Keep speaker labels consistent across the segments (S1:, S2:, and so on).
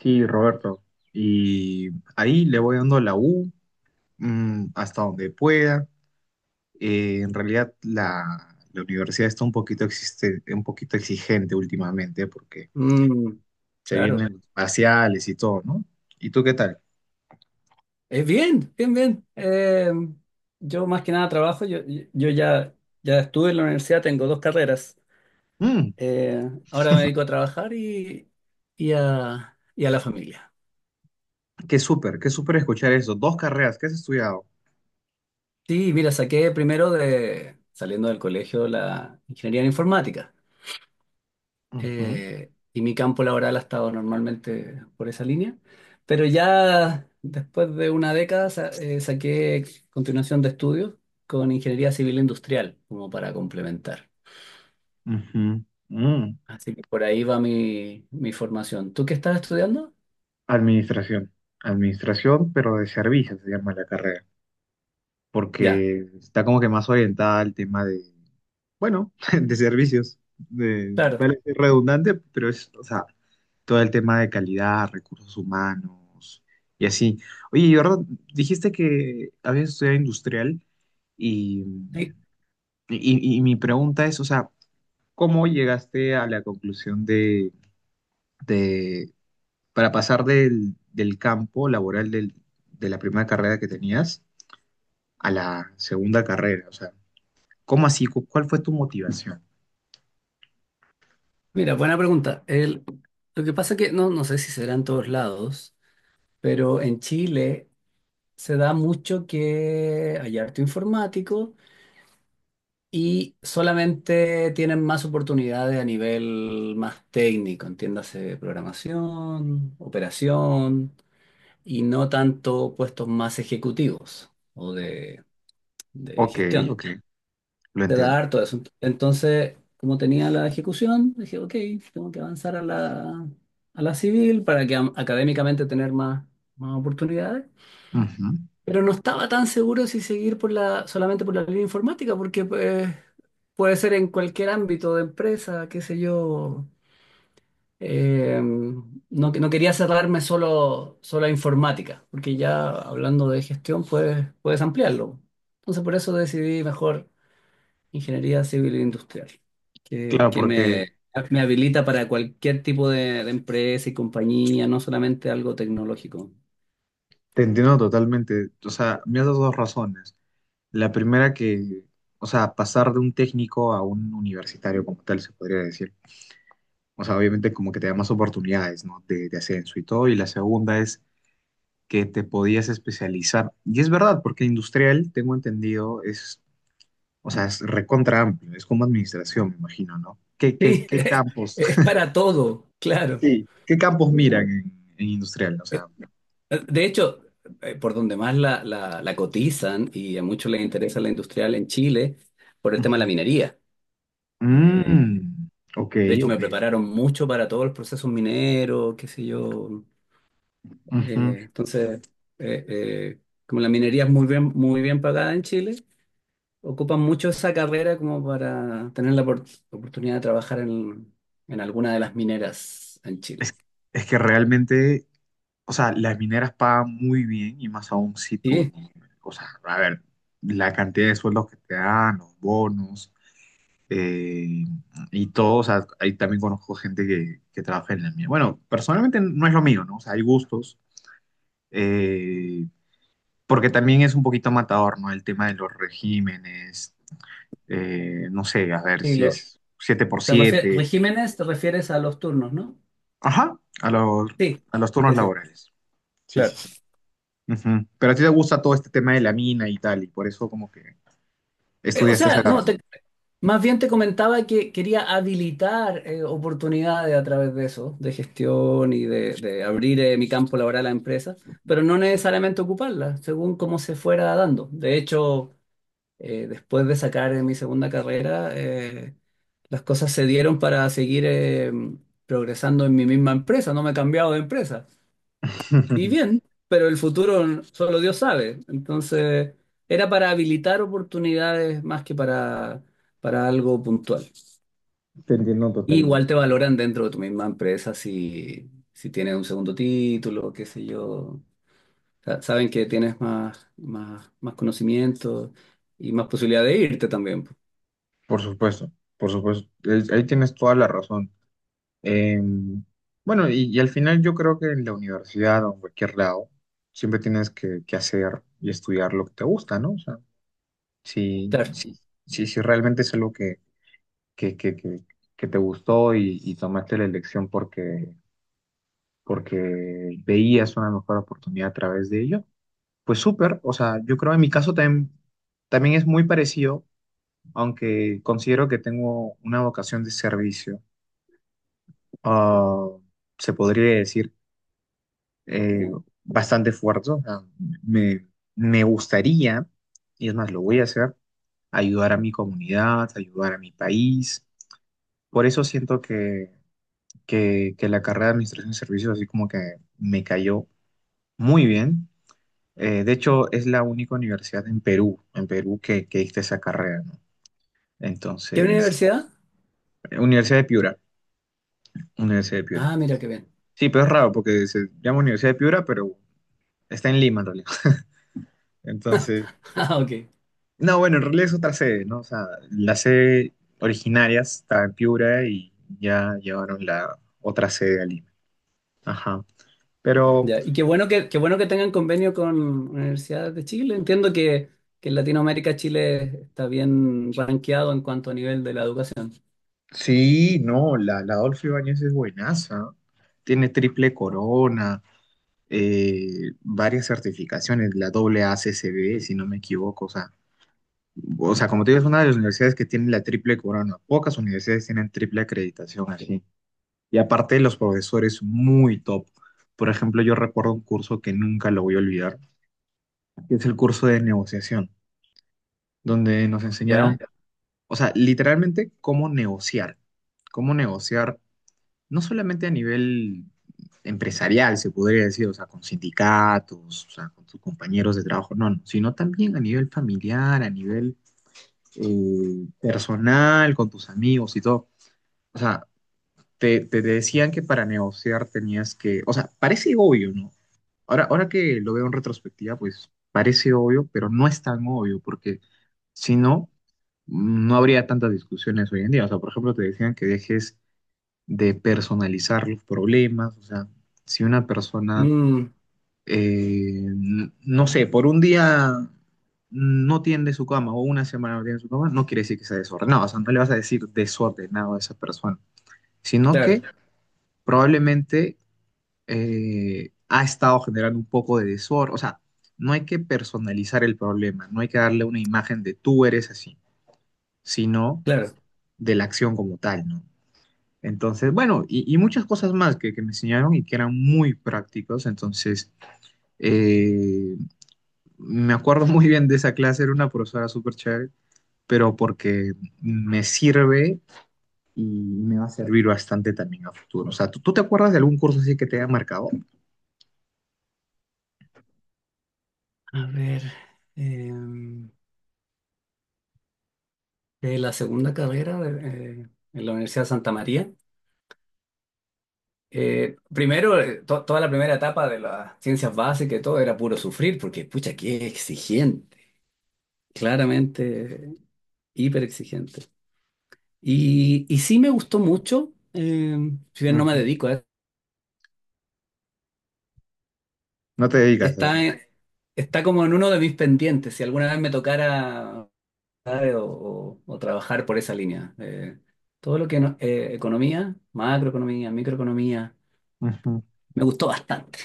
S1: Sí, Roberto. Y ahí le voy dando la U hasta donde pueda. En realidad la universidad está un poquito, existe, un poquito exigente últimamente porque
S2: Mm,
S1: se
S2: claro.
S1: vienen los parciales y todo, ¿no? ¿Y tú qué tal?
S2: Es bien, bien, bien. Yo más que nada trabajo, yo ya, ya estuve en la universidad, tengo dos carreras.
S1: Mm,
S2: Ahora me dedico a trabajar y a la familia.
S1: qué súper escuchar eso. Dos carreras, ¿qué has estudiado?
S2: Sí, mira, saqué primero de, saliendo del colegio, la ingeniería en informática.
S1: Ujú,
S2: Y mi campo laboral ha estado normalmente por esa línea. Pero ya después de una década saqué continuación de estudios con ingeniería civil industrial, como para complementar.
S1: ujú, mm.
S2: Así que por ahí va mi formación. ¿Tú qué estás estudiando?
S1: Administración. Administración, pero de servicios se llama la carrera,
S2: Ya,
S1: porque está como que más orientada al tema de bueno, de servicios. De,
S2: claro.
S1: vale, es redundante, pero es, o sea, todo el tema de calidad, recursos humanos y así. Oye, Jordan, dijiste que habías estudiado industrial y,
S2: Sí,
S1: y mi pregunta es, o sea, ¿cómo llegaste a la conclusión de- para pasar del, del campo laboral del- de la primera carrera que tenías a la segunda carrera? O sea, ¿cómo así? ¿Cuál fue tu motivación?
S2: mira, buena pregunta. Lo que pasa que no, no sé si será en todos lados, pero en Chile se da mucho que hay harto informático y solamente tienen más oportunidades a nivel más técnico, entiéndase programación, operación y no tanto puestos más ejecutivos de
S1: Ok,
S2: gestión.
S1: ok, lo
S2: Te da
S1: entiendo.
S2: harto eso. Entonces, como tenía la ejecución, dije, ok, tengo que avanzar a la civil para que académicamente tener más oportunidades.
S1: Ujú.
S2: Pero no estaba tan seguro si seguir por solamente por la línea informática, porque pues, puede ser en cualquier ámbito de empresa, qué sé yo. No, no quería cerrarme solo a informática, porque ya hablando de gestión puedes ampliarlo. Entonces por eso decidí mejor ingeniería civil e industrial, que,
S1: Claro,
S2: que
S1: porque
S2: me, me habilita para cualquier tipo de empresa y compañía, no solamente algo tecnológico.
S1: te entiendo totalmente. O sea, me has dado dos razones. La primera que, o sea, pasar de un técnico a un universitario como tal, se podría decir. O sea, obviamente como que te da más oportunidades, ¿no? De ascenso y todo. Y la segunda es que te podías especializar. Y es verdad, porque industrial, tengo entendido, es, o sea, es recontra amplio. Es como administración, me imagino, ¿no? ¿Qué, qué,
S2: Sí,
S1: qué campos,
S2: es para todo, claro.
S1: sí, qué campos miran en industrial? O sea,
S2: De hecho, por donde más la cotizan y a muchos les interesa la industrial en Chile, por el tema de la
S1: ujú.
S2: minería. Eh,
S1: Mm, ok,
S2: de hecho, me
S1: ok.
S2: prepararon mucho para todos los procesos mineros, qué sé yo.
S1: Ujú.
S2: Eh, entonces, eh, eh, Como la minería es muy bien pagada en Chile, ocupan mucho esa carrera como para tener la oportunidad de trabajar en alguna de las mineras en Chile.
S1: Es, es que realmente, o sea, las mineras pagan muy bien y más aún si tú,
S2: Sí,
S1: o sea, a ver, la cantidad de sueldos que te dan, los bonos eh, y todo, o sea, ahí también conozco gente que trabaja en la mina. Bueno, personalmente no es lo mío, ¿no? O sea, hay gustos, eh, porque también es un poquito matador, ¿no? El tema de los regímenes, no sé, a ver
S2: sí,
S1: si
S2: lo,
S1: es siete por siete.
S2: regímenes te refieres a los turnos, ¿no?
S1: Ajá,
S2: Sí.
S1: a los turnos
S2: Sí, sí,
S1: laborales. Sí,
S2: claro.
S1: sí, sí. Ujú. Pero a ti te gusta todo este tema de la mina y tal, y por eso como que
S2: O
S1: estudiaste esa
S2: sea, no,
S1: carrera.
S2: más bien te comentaba que quería habilitar oportunidades a través de eso, de gestión y de abrir mi campo laboral a la empresa, pero no necesariamente ocuparla, según cómo se fuera dando. De hecho, después de sacar mi segunda carrera, las cosas se dieron para seguir progresando en mi misma empresa, no me he cambiado de empresa. Y bien, pero el futuro solo Dios sabe. Entonces, era para habilitar oportunidades más que para algo puntual.
S1: Te entiendo
S2: Y
S1: totalmente.
S2: igual te valoran dentro de tu misma empresa si tienes un segundo título, qué sé yo. Saben que tienes más conocimiento y más posibilidad de irte también. Po.
S1: Por supuesto, por supuesto. Es- Ahí tienes toda la razón. Eh, bueno, y al final yo creo que en la universidad o en cualquier lado, siempre tienes que hacer y estudiar lo que te gusta, ¿no? O sea, si,
S2: Claro.
S1: si, si, si realmente es algo que, que, que, que te gustó y tomaste la elección porque porque veías una mejor oportunidad a través de ello. Pues súper, o sea, yo creo en mi caso también, también es muy parecido, aunque considero que tengo una vocación de servicio, ah, se podría decir, eh, bastante fuerte. O sea, me, me gustaría, y es más, lo voy a hacer, ayudar a mi comunidad, ayudar a mi país. Por eso siento que la carrera de Administración de Servicios así como que me cayó muy bien. De hecho, es la única universidad en Perú que diste esa carrera, ¿no?
S2: ¿Qué
S1: Entonces,
S2: universidad?
S1: Universidad de Piura, Universidad de Piura.
S2: Ah, mira qué bien.
S1: Sí, pero es raro porque se llama Universidad de Piura, pero está en Lima en realidad. Entonces,
S2: Ah, ok.
S1: no, bueno, en realidad es otra sede, ¿no? O sea, la sede originaria está en Piura y ya llevaron la otra sede a Lima. Ajá. Pero
S2: Ya, y qué bueno qué bueno que tengan convenio con universidades de Chile. Entiendo que en Latinoamérica Chile está bien rankeado en cuanto a nivel de la educación.
S1: sí, no, la, la Adolfo Ibáñez es buenaza. Tiene triple corona varias certificaciones, la AAACCB, si no me equivoco, o sea, como te digo, es una de las universidades que tiene la triple corona, pocas universidades tienen triple acreditación así, y aparte los profesores muy top. Por ejemplo, yo recuerdo un curso que nunca lo voy a olvidar, que es el curso de negociación, donde nos enseñaron,
S2: ¿Ya?
S1: o sea, literalmente cómo negociar no solamente a nivel empresarial, se podría decir, o sea, con sindicatos, o sea, con sus compañeros de trabajo, no, no, sino también a nivel familiar, a nivel personal, con tus amigos y todo. O sea, te decían que para negociar tenías que, o sea, parece obvio, ¿no? Ahora, ahora que lo veo en retrospectiva, pues parece obvio, pero no es tan obvio, porque si no, no habría tantas discusiones hoy en día. O sea, por ejemplo, te decían que dejes de personalizar los problemas. O sea, si una persona,
S2: Mm,
S1: no sé, por un día no tiende su cama o una semana no tiende su cama, no quiere decir que sea desordenado. O sea, no le vas a decir desordenado a esa persona, sino
S2: claro,
S1: que probablemente ha estado generando un poco de desorden. O sea, no hay que personalizar el problema, no hay que darle una imagen de tú eres así, sino
S2: claro.
S1: de la acción como tal, ¿no? Entonces, bueno, y muchas cosas más que me enseñaron y que eran muy prácticos. Entonces, eh, me acuerdo muy bien de esa clase, era una profesora súper chévere, pero porque me sirve y me va a servir bastante también a futuro. O sea, ¿tú, tú te acuerdas de algún curso así que te haya marcado?
S2: A ver, eh, la segunda carrera en la Universidad de Santa María. Primero, toda la primera etapa de las ciencias básicas y todo era puro sufrir, porque, pucha, qué exigente. Claramente, hiper exigente. Y sí me gustó mucho, si bien no me
S1: Ujú,
S2: dedico a eso,
S1: no te digas a
S2: está, en- está como en uno de mis pendientes, si alguna vez me tocara ¿sabe? O trabajar por esa línea. Todo lo que economía, macroeconomía, microeconomía,
S1: ujú.
S2: me gustó bastante.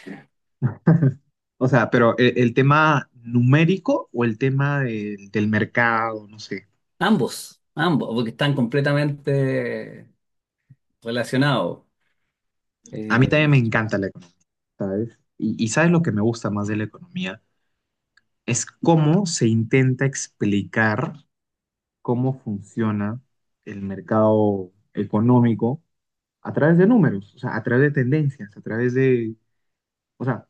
S1: O sea, pero el tema numérico o el tema del mercado, no sé.
S2: Ambos, ambos, porque están completamente relacionados.
S1: A mí también
S2: Eh,
S1: me encanta la economía, ¿sabes? Y ¿sabes lo que me gusta más de la economía? Es cómo se intenta explicar cómo funciona el mercado económico a través de números, o sea, a través de tendencias, a través de, o sea,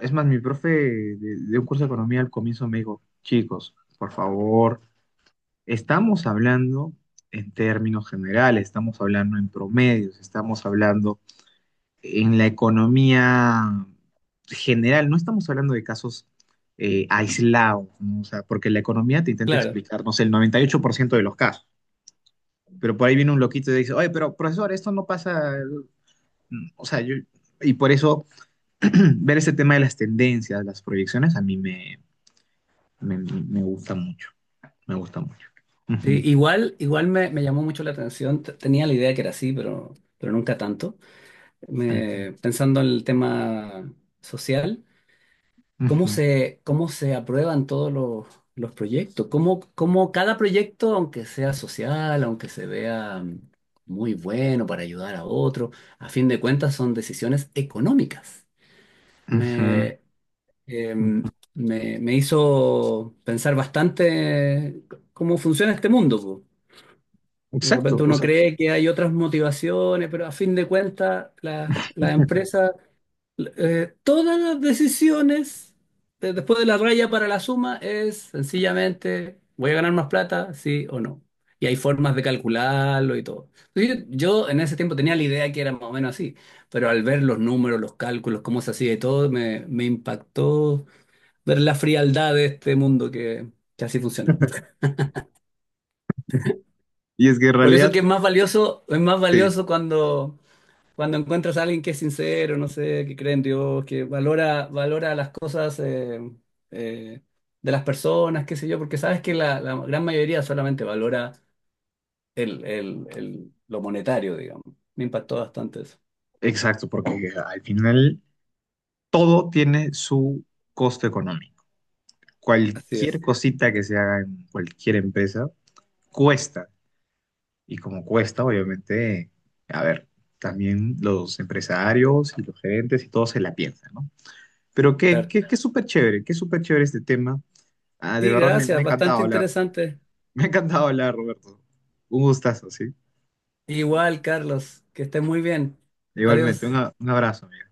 S1: es más, mi profe de un curso de economía al comienzo me dijo, chicos, por favor, estamos hablando en términos generales, estamos hablando en promedios, estamos hablando en la economía general, no estamos hablando de casos aislados, ¿no? O sea, porque la economía te intenta
S2: claro,
S1: explicar, no sé, el 98% de los casos. Pero por ahí viene un loquito y dice, oye, pero profesor, esto no pasa, mm, o sea, yo, y por eso ver ese tema de las tendencias, las proyecciones, a mí me, me, me gusta mucho, me gusta mucho. Ujú,
S2: sí, igual, igual me llamó mucho la atención, tenía la idea que era así, pero nunca tanto.
S1: ujú,
S2: Pensando en el tema social,
S1: ujú,
S2: cómo se aprueban los proyectos? ¿Cómo, cómo cada proyecto, aunque sea social, aunque se vea mm, muy bueno para ayudar a otro, a fin de cuentas son decisiones económicas?
S1: ujú,
S2: Me, em,
S1: ujú.
S2: Me hizo pensar bastante cómo funciona este mundo. Po. De
S1: Exacto,
S2: repente
S1: o
S2: uno
S1: sea,
S2: cree que hay otras motivaciones, pero a fin de cuentas las empresas todas las decisiones después de la raya para la suma es sencillamente, ¿voy a ganar más plata? Sí o no. Y hay formas de calcularlo y todo. Entonces, yo en ese tiempo tenía la idea que era más o menos así, pero al ver los números, los cálculos, cómo se hacía y todo, me impactó ver la frialdad de este mundo que así funciona.
S1: y es que en
S2: Por eso
S1: realidad,
S2: que es más
S1: sí,
S2: valioso cuando cuando encuentras a alguien que es sincero, no sé, que cree en Dios, que valora, valora las cosas eh, de las personas, qué sé yo, porque sabes que la gran mayoría solamente valora lo monetario, digamos. Me impactó bastante eso.
S1: exacto, porque al final todo tiene su costo económico.
S2: Así
S1: Cualquier
S2: es.
S1: cosita que se haga en cualquier empresa cuesta. Y como cuesta, obviamente, a ver, también los empresarios y los gerentes y todos se la piensan, ¿no? Pero qué,
S2: Tar-
S1: qué, qué súper chévere este tema. Ah, de
S2: sí,
S1: verdad me, me
S2: gracias,
S1: ha
S2: bastante
S1: encantado hablar.
S2: interesante.
S1: Me ha encantado hablar, Roberto. Un gustazo, ¿sí?
S2: Igual, Carlos, que estés muy bien.
S1: Igualmente, un,
S2: Adiós.
S1: un abrazo, amigo.